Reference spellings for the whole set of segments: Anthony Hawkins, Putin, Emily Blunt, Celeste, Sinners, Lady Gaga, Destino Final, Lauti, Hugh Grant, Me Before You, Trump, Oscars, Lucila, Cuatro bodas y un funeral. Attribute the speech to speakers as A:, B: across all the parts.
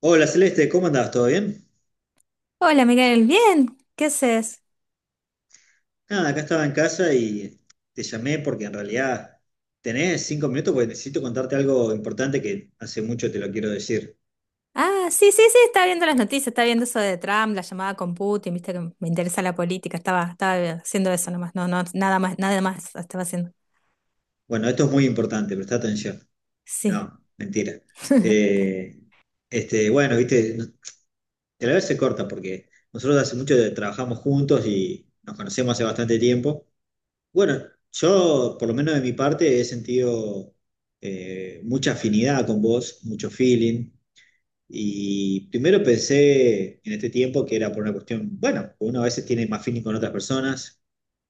A: Hola Celeste, ¿cómo andás? ¿Todo bien?
B: Hola Miguel, bien, ¿qué haces?
A: Nada, acá estaba en casa y te llamé porque en realidad tenés 5 minutos porque necesito contarte algo importante que hace mucho te lo quiero decir.
B: Ah, sí, sí, sí, estaba viendo las noticias, estaba viendo eso de Trump, la llamada con Putin, viste que me interesa la política, estaba haciendo eso nomás, no, no, nada más, nada más estaba haciendo.
A: Bueno, esto es muy importante, presta atención.
B: Sí.
A: No, mentira. Eh, bueno, viste, te la vez se corta porque nosotros hace mucho que trabajamos juntos y nos conocemos hace bastante tiempo. Bueno, yo, por lo menos de mi parte, he sentido mucha afinidad con vos, mucho feeling. Y primero pensé en este tiempo que era por una cuestión, bueno, uno a veces tiene más feeling con otras personas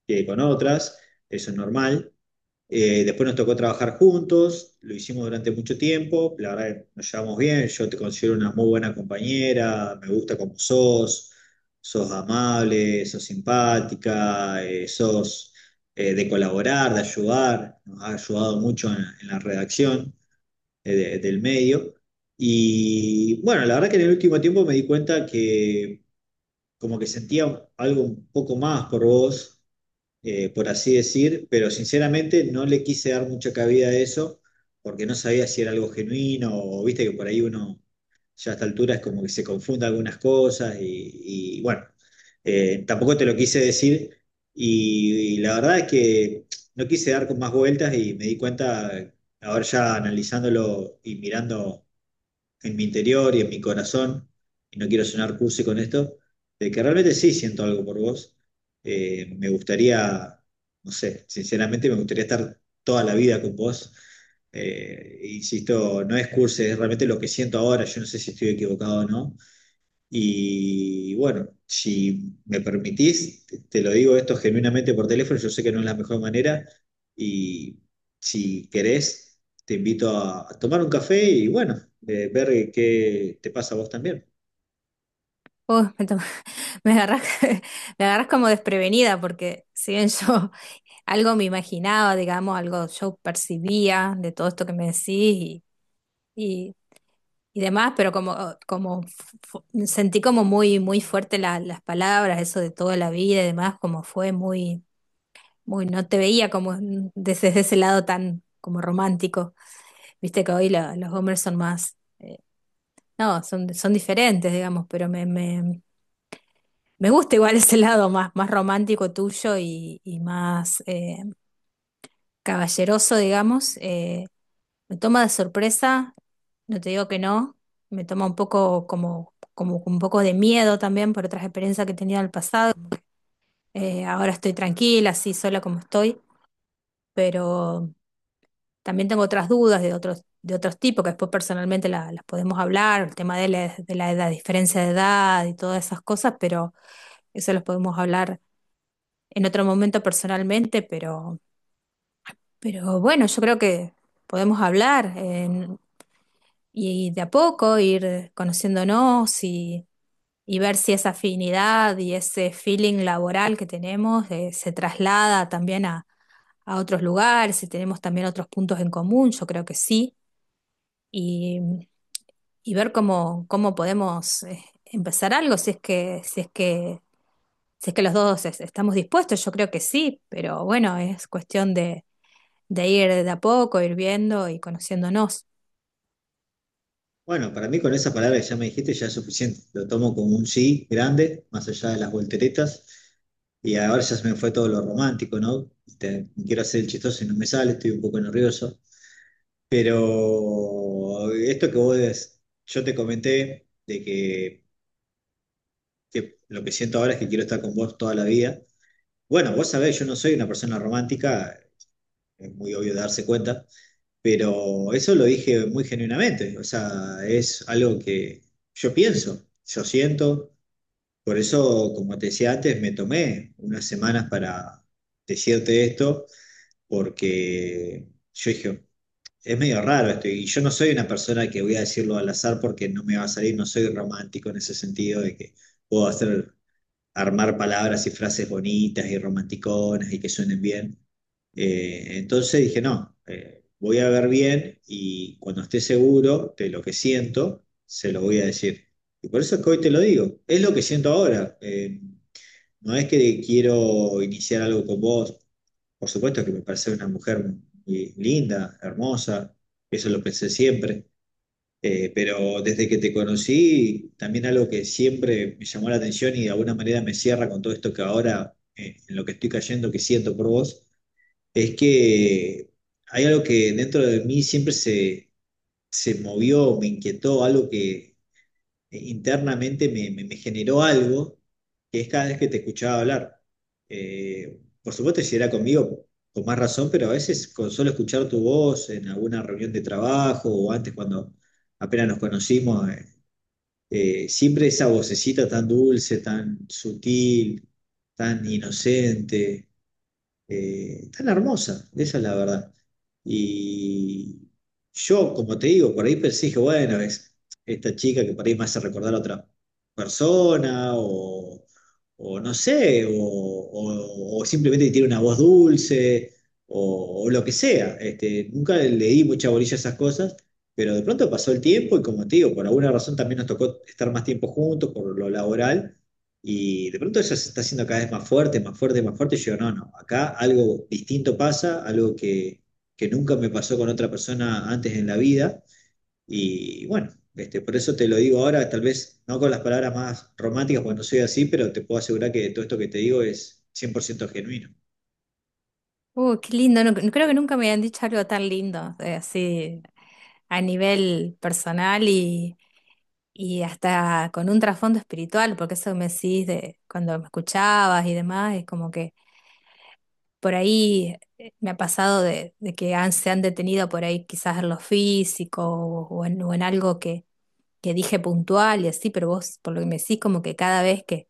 A: que con otras, eso es normal. Después nos tocó trabajar juntos, lo hicimos durante mucho tiempo, la verdad que nos llevamos bien, yo te considero una muy buena compañera, me gusta como sos, sos amable, sos simpática, sos de colaborar, de ayudar, nos ha ayudado mucho en la redacción del medio. Y bueno, la verdad que en el último tiempo me di cuenta que como que sentía algo un poco más por vos, por así decir, pero sinceramente no le quise dar mucha cabida a eso porque no sabía si era algo genuino o viste que por ahí uno ya a esta altura es como que se confunda algunas cosas y bueno, tampoco te lo quise decir y la verdad es que no quise dar con más vueltas y me di cuenta, ahora ya analizándolo y mirando en mi interior y en mi corazón, y no quiero sonar cursi con esto, de que realmente sí siento algo por vos. Me gustaría, no sé, sinceramente me gustaría estar toda la vida con vos. Insisto, no es cursi, es realmente lo que siento ahora. Yo no sé si estoy equivocado o no, y bueno, si me permitís, te lo digo esto genuinamente por teléfono, yo sé que no es la mejor manera y si querés, te invito a tomar un café y bueno, ver qué te pasa a vos también.
B: Uh, me, to- me agarras, me agarras como desprevenida, porque si bien yo algo me imaginaba, digamos, algo yo percibía de todo esto que me decís, y, y demás, pero como, oh, sentí como muy fuerte las palabras, eso de toda la vida y demás, como fue muy, no te veía como desde ese lado tan como romántico. Viste que hoy los hombres son más, no, son diferentes, digamos, pero me gusta igual ese lado más, más romántico tuyo y más caballeroso, digamos. Me toma de sorpresa, no te digo que no, me toma un poco como un poco de miedo también por otras experiencias que he tenido en el pasado. Ahora estoy tranquila, así sola como estoy, pero también tengo otras dudas de otros tipos que después personalmente las podemos hablar, el tema de de la edad, diferencia de edad y todas esas cosas, pero eso los podemos hablar en otro momento personalmente, pero bueno, yo creo que podemos hablar. Y de a poco ir conociéndonos y ver si esa afinidad y ese feeling laboral que tenemos se traslada también a otros lugares, si tenemos también otros puntos en común, yo creo que sí, y, y ver cómo, cómo podemos empezar algo, si es que, si es que, si es que los dos estamos dispuestos, yo creo que sí, pero bueno, es cuestión de ir de a poco, ir viendo y conociéndonos.
A: Bueno, para mí con esa palabra que ya me dijiste ya es suficiente, lo tomo como un sí grande, más allá de las volteretas y ahora ya se me fue todo lo romántico, ¿no? Quiero hacer el chistoso y no me sale, estoy un poco nervioso. Pero esto yo te comenté de que lo que siento ahora es que quiero estar con vos toda la vida. Bueno, vos sabés, yo no soy una persona romántica, es muy obvio darse cuenta, pero eso lo dije muy genuinamente, o sea, es algo que yo pienso, yo siento, por eso, como te decía antes, me tomé unas semanas para decirte esto, porque yo dije... Es medio raro esto, y yo no soy una persona que voy a decirlo al azar porque no me va a salir, no soy romántico en ese sentido de que puedo hacer, armar palabras y frases bonitas y romanticonas y que suenen bien. Entonces dije, no, voy a ver bien y cuando esté seguro de lo que siento, se lo voy a decir. Y por eso es que hoy te lo digo, es lo que siento ahora. No es que quiero iniciar algo con vos, por supuesto que me parece una mujer muy linda, hermosa, eso lo pensé siempre, pero desde que te conocí, también algo que siempre me llamó la atención y de alguna manera me cierra con todo esto que ahora, en lo que estoy cayendo, que siento por vos, es que hay algo que dentro de mí se movió, me inquietó, algo que internamente me generó algo que es cada vez que te escuchaba hablar. Por supuesto, si era conmigo, con más razón, pero a veces con solo escuchar tu voz en alguna reunión de trabajo o antes cuando apenas nos conocimos, siempre esa vocecita tan dulce, tan sutil, tan inocente, tan hermosa, esa es la verdad. Y yo, como te digo, por ahí pensé, dije, bueno, es esta chica que por ahí me hace recordar a otra persona, o no sé, o simplemente tiene una voz dulce, o lo que sea. Este, nunca le di mucha bolilla a esas cosas. Pero de pronto pasó el tiempo y como te digo, por alguna razón también nos tocó estar más tiempo juntos por lo laboral. Y de pronto eso se está haciendo cada vez más fuerte, más fuerte, más fuerte. Y yo, no, no, acá algo distinto pasa, algo que nunca me pasó con otra persona antes en la vida. Y bueno, este, por eso te lo digo ahora, tal vez no con las palabras más románticas, porque no soy así, pero te puedo asegurar que todo esto que te digo es 100% genuino.
B: Qué lindo. No, no creo que nunca me habían dicho algo tan lindo, así a nivel personal y hasta con un trasfondo espiritual, porque eso que me decís de cuando me escuchabas y demás, es como que por ahí me ha pasado de que han, se han detenido por ahí quizás en lo físico o en algo que dije puntual y así, pero vos por lo que me decís como que cada vez que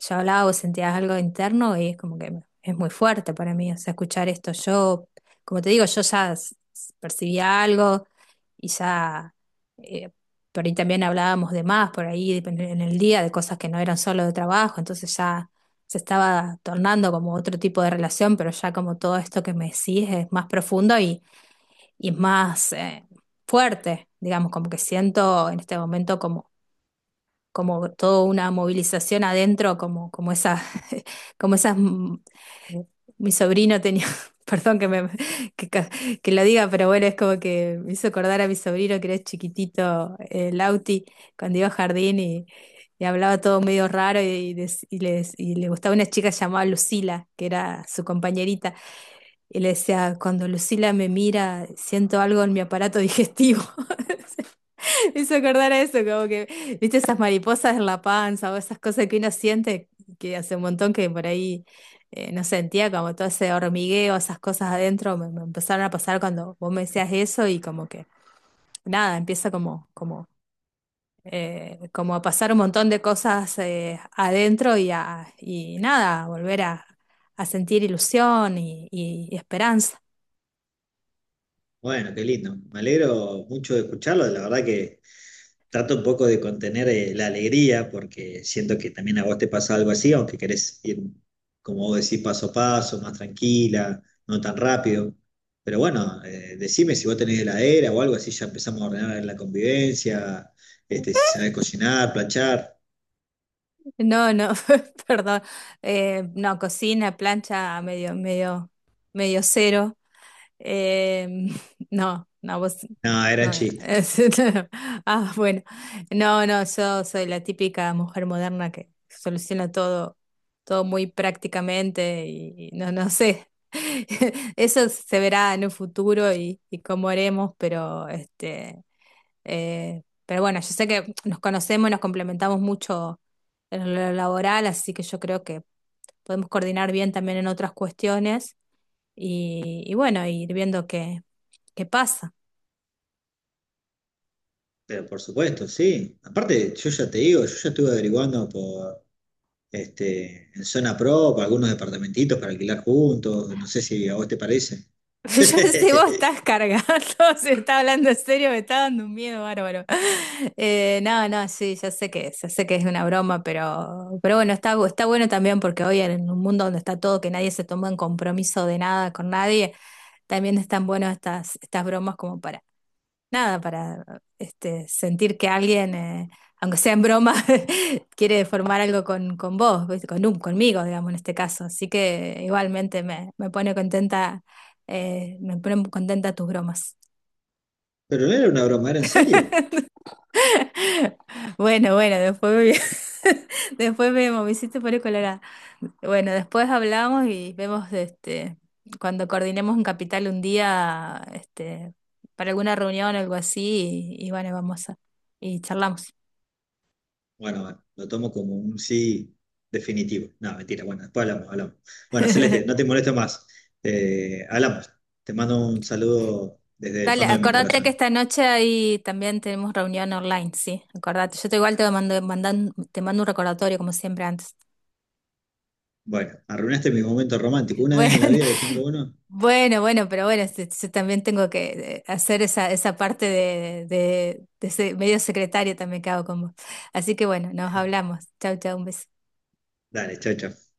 B: yo hablaba o sentías algo interno y es como que es muy fuerte para mí, o sea, escuchar esto. Yo, como te digo, yo ya percibía algo y ya, eh, por ahí también hablábamos de más, por ahí en el día, de cosas que no eran solo de trabajo, entonces ya se estaba tornando como otro tipo de relación, pero ya como todo esto que me decís es más profundo y más fuerte, digamos, como que siento en este momento como toda una movilización adentro, como, como esa, como esas, mi sobrino tenía, perdón que me que, ca- que lo diga, pero bueno, es como que me hizo acordar a mi sobrino que era chiquitito, el Lauti, cuando iba a jardín y hablaba todo medio raro y le gustaba una chica llamada Lucila, que era su compañerita, y le decía, cuando Lucila me mira, siento algo en mi aparato digestivo. Me hizo acordar a eso, como que, viste, esas mariposas en la panza o esas cosas que uno siente que hace un montón que por ahí no sentía, como todo ese hormigueo, esas cosas adentro, me empezaron a pasar cuando vos me decías eso y como que, nada, empieza como a pasar un montón de cosas adentro y nada, a volver a sentir ilusión y, y esperanza.
A: Bueno, qué lindo. Me alegro mucho de escucharlo. La verdad que trato un poco de contener la alegría porque siento que también a vos te pasa algo así, aunque querés ir, como vos decís, paso a paso, más tranquila, no tan rápido. Pero bueno, decime si vos tenés heladera o algo así, ya empezamos a ordenar la convivencia, este, si sabés cocinar, planchar.
B: No, no, perdón. No, cocina, plancha, medio, medio cero. Eh, no, no, vos.
A: No, eran
B: No,
A: chistes.
B: es- Ah, bueno. No, no, yo soy la típica mujer moderna que soluciona todo, todo muy prácticamente y no, no sé. Eso se verá en un futuro y cómo haremos, pero pero bueno, yo sé que nos conocemos y nos complementamos mucho en lo laboral, así que yo creo que podemos coordinar bien también en otras cuestiones y bueno, ir viendo qué, qué pasa.
A: Pero por supuesto, sí. Aparte, yo ya te digo, yo ya estuve averiguando por este, en zona pro, para algunos departamentitos para alquilar juntos, no sé si a vos te parece.
B: Yo no sé, vos estás cargado, se está hablando en serio, me está dando un miedo bárbaro. No, no, sí, ya sé que es una broma, pero bueno, está, está bueno también porque hoy en un mundo donde está todo, que nadie se toma en compromiso de nada con nadie, también están buenas estas, estas bromas como para nada, para este, sentir que alguien, aunque sea en broma, quiere formar algo con vos, ¿viste? Conmigo, digamos, en este caso. Así que igualmente me pone contenta, me ponen contenta tus bromas.
A: Pero no era una broma, ¿era en serio?
B: Bueno, bueno, después vemos, me hiciste poner colorada. Bueno, después hablamos y vemos este, cuando coordinemos un capital un día, este, para alguna reunión o algo así, y bueno, y charlamos.
A: Bueno, bueno, lo tomo como un sí definitivo. No, mentira, bueno, después hablamos, hablamos. Bueno, Celeste, no te molesto más. Hablamos. Te mando un saludo desde el
B: Dale,
A: fondo de mi
B: acordate que
A: corazón.
B: esta noche ahí también tenemos reunión online, sí, acordate. Yo te igual te mando un recordatorio como siempre antes.
A: Bueno, arruinaste mi momento romántico. Una vez
B: Bueno,
A: en la vida que tengo uno.
B: bueno, este, yo también tengo que hacer esa, esa parte de ese medio secretario también que hago con vos. Así que bueno, nos hablamos. Chau, chau, un beso.
A: Dale, chao, chao.